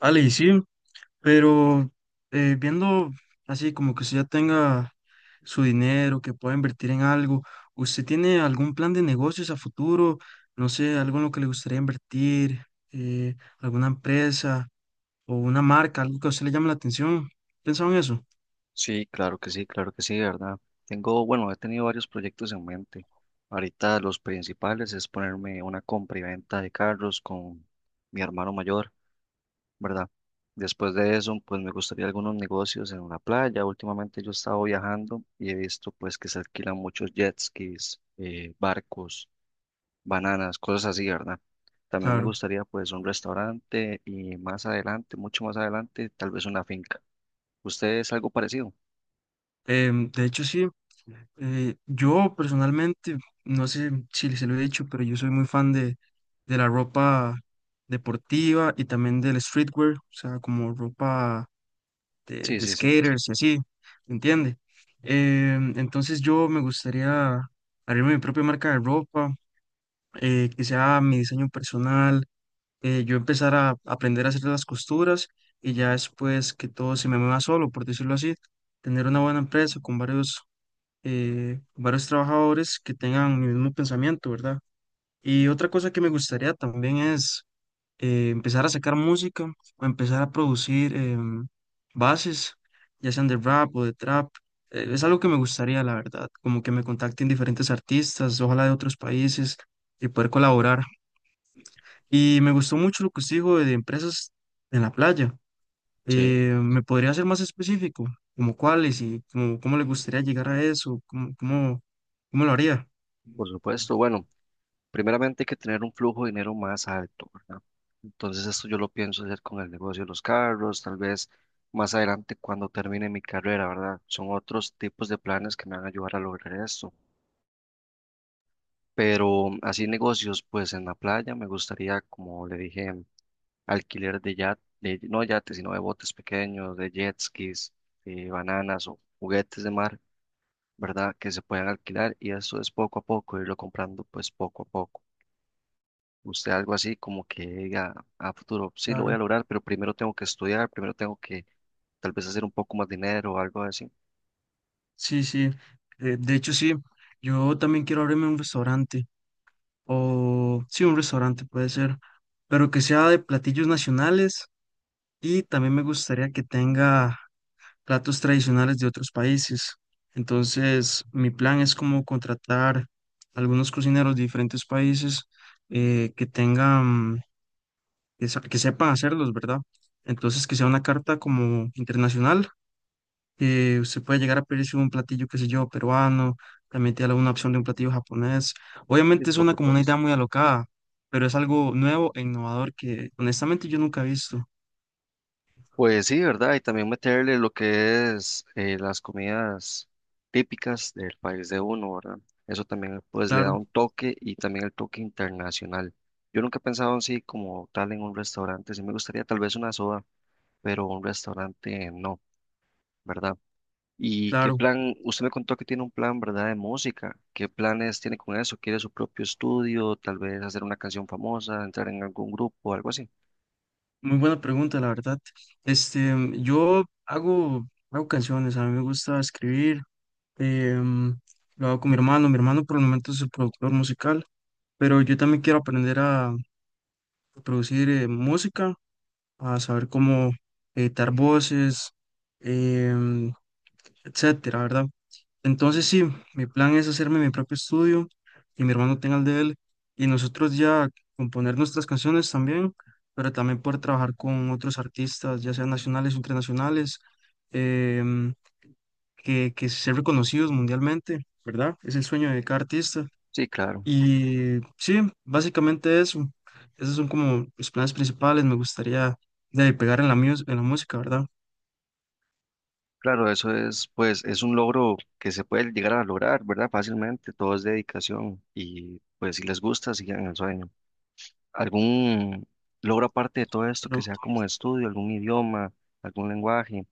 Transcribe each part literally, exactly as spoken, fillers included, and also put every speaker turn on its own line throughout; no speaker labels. Ale, y sí, pero eh, viendo así como que usted ya tenga su dinero, que pueda invertir en algo, ¿usted tiene algún plan de negocios a futuro? No sé, algo en lo que le gustaría invertir, eh, alguna empresa o una marca, algo que a usted le llame la atención. ¿Pensado en eso?
Sí, claro que sí, claro que sí, de ¿verdad? Tengo, bueno, he tenido varios proyectos en mente. Ahorita los principales es ponerme una compra y venta de carros con mi hermano mayor, ¿verdad? Después de eso, pues me gustaría algunos negocios en una playa. Últimamente yo he estado viajando y he visto pues que se alquilan muchos jet skis, eh, barcos, bananas, cosas así, ¿verdad? También me
Claro.
gustaría pues un restaurante y más adelante, mucho más adelante, tal vez una finca. ¿Usted es algo parecido?
Em, de hecho, sí, eh, yo personalmente, no sé si se lo he dicho, pero yo soy muy fan de, de la ropa deportiva y también del streetwear, o sea, como ropa de,
Sí,
de
sí, sí.
skaters y así, ¿entiende? Em, entonces yo me gustaría abrir mi propia marca de ropa, eh, que sea mi diseño personal, eh, yo empezar a aprender a hacer las costuras y ya después que todo se me mueva solo, por decirlo así, tener una buena empresa con varios eh, varios trabajadores que tengan mi mismo pensamiento, ¿verdad? Y otra cosa que me gustaría también es eh, empezar a sacar música o empezar a producir em, bases, ya sean de rap o de trap. Eh, es algo que me gustaría, la verdad, como que me contacten diferentes artistas, ojalá de otros países, y poder colaborar. Y me gustó mucho lo que usted dijo de empresas en la playa.
Sí.
Eh, ¿me podría ser más específico? ¿Como cuáles y como, cómo le gustaría llegar a eso? ¿Cómo, cómo, cómo lo haría?
Por supuesto, bueno, primeramente hay que tener un flujo de dinero más alto, ¿verdad? Entonces esto yo lo pienso hacer con el negocio de los carros, tal vez más adelante cuando termine mi carrera, ¿verdad? Son otros tipos de planes que me van a ayudar a lograr esto. Pero así negocios, pues en la playa me gustaría, como le dije, alquiler de yat, de, no yates, sino de botes pequeños, de jet skis, de bananas o juguetes de mar, ¿verdad? Que se puedan alquilar y eso es poco a poco, irlo comprando pues poco a poco. Usted algo así como que diga a futuro, sí, lo voy a
Claro,
lograr, pero primero tengo que estudiar, primero tengo que tal vez hacer un poco más dinero o algo así.
sí, sí. Eh, de hecho, sí, yo también quiero abrirme un restaurante, o sí, un restaurante puede ser, pero que sea de platillos nacionales y también me gustaría que tenga platos tradicionales de otros países. Entonces, mi plan es como contratar algunos cocineros de diferentes países eh, que tengan que, sa- que sepa hacerlos, ¿verdad? Entonces, que sea una carta como internacional, que se puede llegar a pedirse un platillo, qué sé yo, peruano, también tiene alguna opción de un platillo japonés.
Sí,
Obviamente es
por
una como una idea
supuesto.
muy alocada, pero es algo nuevo e innovador que honestamente yo nunca he visto.
Pues sí, ¿verdad? Y también meterle lo que es eh, las comidas típicas del país de uno, ¿verdad? Eso también pues le da
Claro,
un toque y también el toque internacional. Yo nunca he pensado así como tal en un restaurante, sí me gustaría tal vez una soda, pero un restaurante no, ¿verdad? ¿Y qué
claro.
plan? Usted me contó que tiene un plan, ¿verdad? De música. ¿Qué planes tiene con eso? ¿Quiere su propio estudio? Tal vez hacer una canción famosa, entrar en algún grupo, algo así.
Muy buena pregunta, la verdad. Este, yo hago, hago canciones, a mí me gusta escribir, em, lo hago con mi hermano, mi hermano por el momento es el productor musical, pero yo también quiero aprender a producir eh, música, a saber cómo editar voces, em, etcétera, ¿verdad? Entonces sí, mi plan es hacerme mi propio estudio y mi hermano tenga el de él y nosotros ya componer nuestras canciones también, pero también poder trabajar con otros artistas, ya sean nacionales o internacionales, em, que, que ser reconocidos mundialmente, ¿verdad? Es el sueño de cada artista
Sí, claro.
y sí, básicamente eso. Esos son como mis planes principales. Me gustaría de ahí pegar en la, mus- en la música, ¿verdad?
Claro, eso es, pues, es un logro que se puede llegar a lograr, ¿verdad? Fácilmente. Todo es dedicación. Y pues si les gusta, sigan el sueño. ¿Algún logro aparte de todo esto
Pero,
que sea como de estudio, algún idioma, algún lenguaje?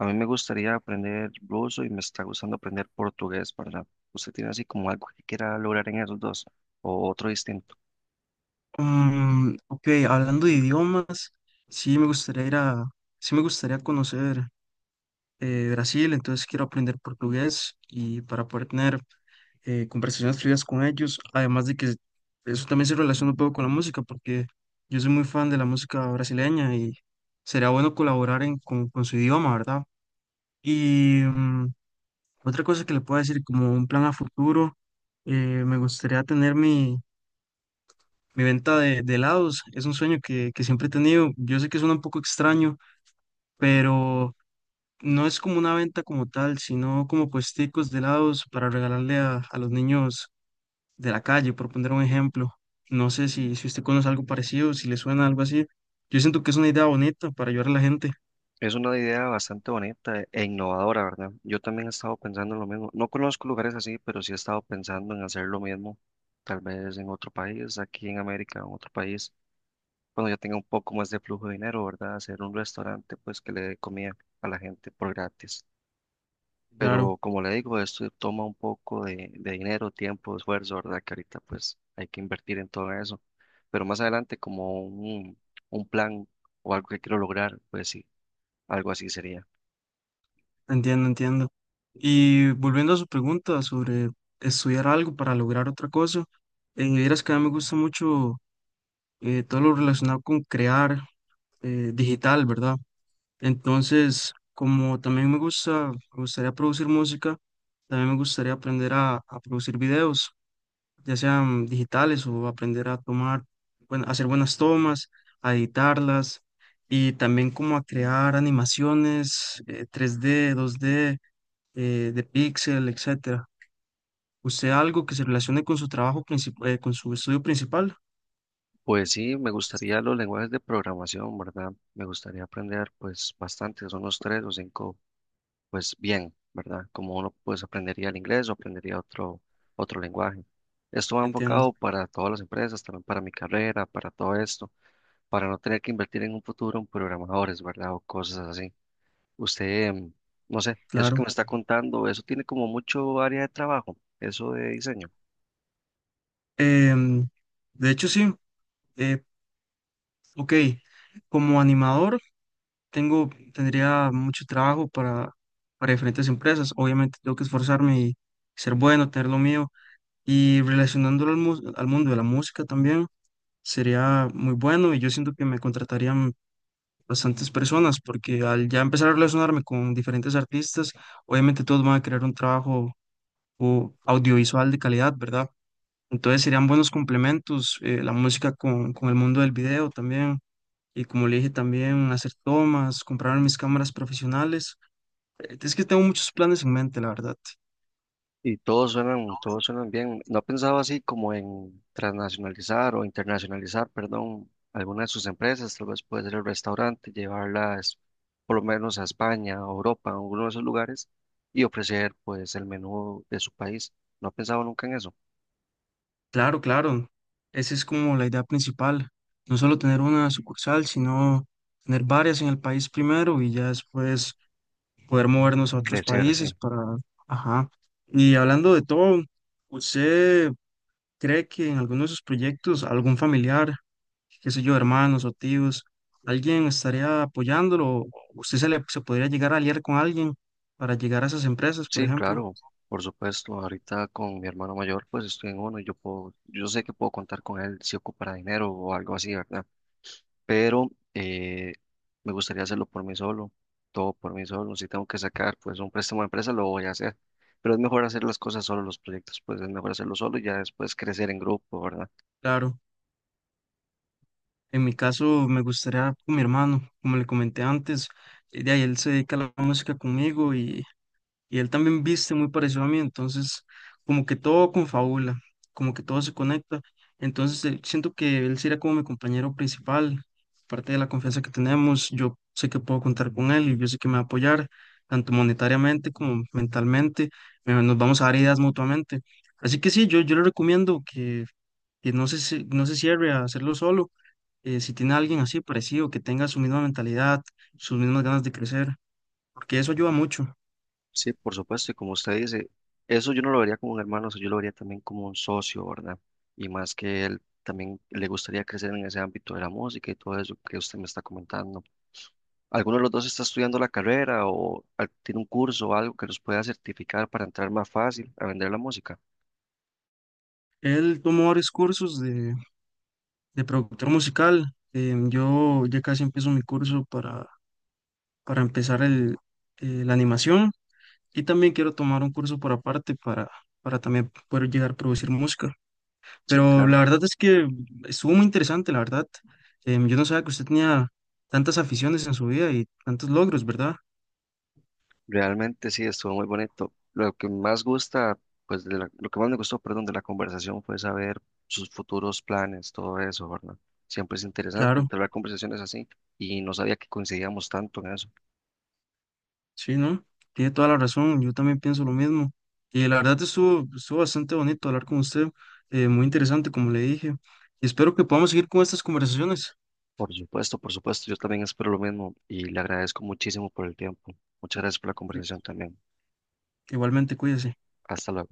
A mí me gustaría aprender ruso y me está gustando aprender portugués, ¿verdad? ¿Usted tiene así como algo que quiera lograr en esos dos o otro distinto?
mm, ok, hablando de idiomas, sí me gustaría ir a, sí me gustaría conocer eh, Brasil, entonces quiero aprender portugués y para poder tener eh, conversaciones fluidas con ellos, además de que eso también se relaciona un poco con la música, porque yo soy muy fan de la música brasileña y sería bueno colaborar en, con, con su idioma, ¿verdad? Y mm, otra cosa que le puedo decir como un plan a futuro, eh, me gustaría tener mi, mi venta de, de helados. Es un sueño que, que siempre he tenido. Yo sé que suena un poco extraño, pero no es como una venta como tal, sino como puesticos de helados para regalarle a, a los niños de la calle, por poner un ejemplo. No sé si, si usted conoce algo parecido, si le suena algo así. Yo siento que es una idea bonita para ayudar a la gente.
Es una idea bastante bonita e innovadora, ¿verdad? Yo también he estado pensando en lo mismo. No conozco lugares así, pero sí he estado pensando en hacer lo mismo, tal vez en otro país, aquí en América, en otro país, cuando ya tenga un poco más de flujo de dinero, ¿verdad? Hacer un restaurante, pues que le dé comida a la gente por gratis.
Claro.
Pero como le digo, esto toma un poco de, de dinero, tiempo, esfuerzo, ¿verdad? Que ahorita pues hay que invertir en todo eso. Pero más adelante como un, un plan o algo que quiero lograr, pues sí, algo así sería.
Entiendo, entiendo. Y volviendo a su pregunta sobre estudiar algo para lograr otra cosa, eh, vieras que a mí me gusta mucho eh, todo lo relacionado con crear eh, digital, ¿verdad? Entonces, como también me gusta, me gustaría producir música, también me gustaría aprender a, a producir videos, ya sean digitales o aprender a tomar, bueno, hacer buenas tomas, a editarlas y también como a crear animaciones eh, tres D, dos d eh, de Pixel, etcétera. ¿Usted algo que se relacione con su trabajo principal, con su estudio principal?
Pues sí, me gustaría los lenguajes de programación, ¿verdad? Me gustaría aprender pues bastante, son unos tres o cinco, pues bien, ¿verdad? Como uno pues aprendería el inglés o aprendería otro, otro lenguaje. Esto va
Entiendo,
enfocado para todas las empresas, también para mi carrera, para todo esto. Para no tener que invertir en un futuro en programadores, ¿verdad? O cosas así. Usted, em, no sé, eso que
claro.
me está contando, eso tiene como mucho área de trabajo, eso de diseño.
Em, de hecho, sí. eh, ok, como animador tengo, tendría mucho trabajo para, para diferentes empresas. Obviamente tengo que esforzarme y ser bueno, tener lo mío. Y relacionándolo al, mu- al mundo de la música también sería muy bueno y yo siento que me contratarían bastantes personas, porque al ya empezar a relacionarme con diferentes artistas, obviamente todos van a querer un trabajo o audiovisual de calidad, ¿verdad? Entonces serían buenos complementos eh, la música con, con el mundo del video también. Y como le dije también, hacer tomas, comprar mis cámaras profesionales. Eh, Es que tengo muchos planes en mente, la verdad.
Y todos suenan, todos suenan bien. ¿No ha pensado así como en transnacionalizar o internacionalizar, perdón, alguna de sus empresas? Tal vez puede ser el restaurante, llevarlas por lo menos a España, a Europa, a alguno de esos lugares y ofrecer pues el menú de su país. ¿No ha pensado nunca en eso?
Claro, claro. Esa es como la idea principal. No solo tener una sucursal, sino tener varias en el país primero y ya después poder movernos a otros
Crecer, sí.
países para, Ajá. Y hablando de todo, ¿usted cree que en alguno de sus proyectos algún familiar, qué sé yo, hermanos o tíos, alguien estaría apoyándolo? ¿O ¿Usted se le se podría llegar a aliar con alguien para llegar a esas empresas, por
Sí,
ejemplo?
claro, por supuesto. Ahorita con mi hermano mayor, pues estoy en uno y yo puedo, yo sé que puedo contar con él si ocupará dinero o algo así, ¿verdad? Pero eh, me gustaría hacerlo por mí solo, todo por mí solo. Si tengo que sacar, pues un préstamo de empresa, lo voy a hacer. Pero es mejor hacer las cosas solo, los proyectos, pues es mejor hacerlo solo y ya después crecer en grupo, ¿verdad?
Claro, en mi caso me gustaría con mi hermano, como le comenté antes, eh, de ahí él se dedica a la música conmigo y y él también viste muy parecido a mí, entonces como que todo confabula, como que todo se conecta, entonces eh, siento que él será como mi compañero principal, parte de la confianza que tenemos, yo sé que puedo contar con él y yo sé que me va a apoyar, tanto monetariamente como mentalmente, eh, nos vamos a dar ideas mutuamente, así que sí, yo, yo le recomiendo que, que no se, ci- no se cierre a hacerlo solo, eh, si tiene a alguien así parecido, que tenga su misma mentalidad, sus mismas ganas de crecer, porque eso ayuda mucho.
Sí, por supuesto, y como usted dice, eso yo no lo vería como un hermano, eso yo lo vería también como un socio, ¿verdad? Y más que él también le gustaría crecer en ese ámbito de la música y todo eso que usted me está comentando. ¿Alguno de los dos está estudiando la carrera o al- tiene un curso o algo que los pueda certificar para entrar más fácil a vender la música?
Él tomó varios cursos de, de productor musical. Eh, yo ya casi empiezo mi curso para, para empezar el, eh, la animación y también quiero tomar un curso por aparte para, para también poder llegar a producir música.
Sí,
Pero la
claro.
verdad es que estuvo, muy interesante, la verdad. Em, yo no sabía que usted tenía tantas aficiones en su vida y tantos logros, ¿verdad?
Realmente sí, estuvo muy bonito. Lo que más gusta, pues de la- lo que más me gustó, perdón, de la conversación fue saber sus futuros planes, todo eso, ¿verdad? Siempre es interesante
Claro.
entablar conversaciones así y no sabía que coincidíamos tanto en eso.
Sí, ¿no? Tiene toda la razón, yo también pienso lo mismo. Y la verdad estuvo, estuvo bastante bonito hablar con usted, eh, muy interesante, como le dije. Y espero que podamos seguir con estas conversaciones.
Por supuesto, por supuesto, yo también espero lo mismo y le agradezco muchísimo por el tiempo. Muchas gracias por la conversación también.
Igualmente, cuídese.
Hasta luego.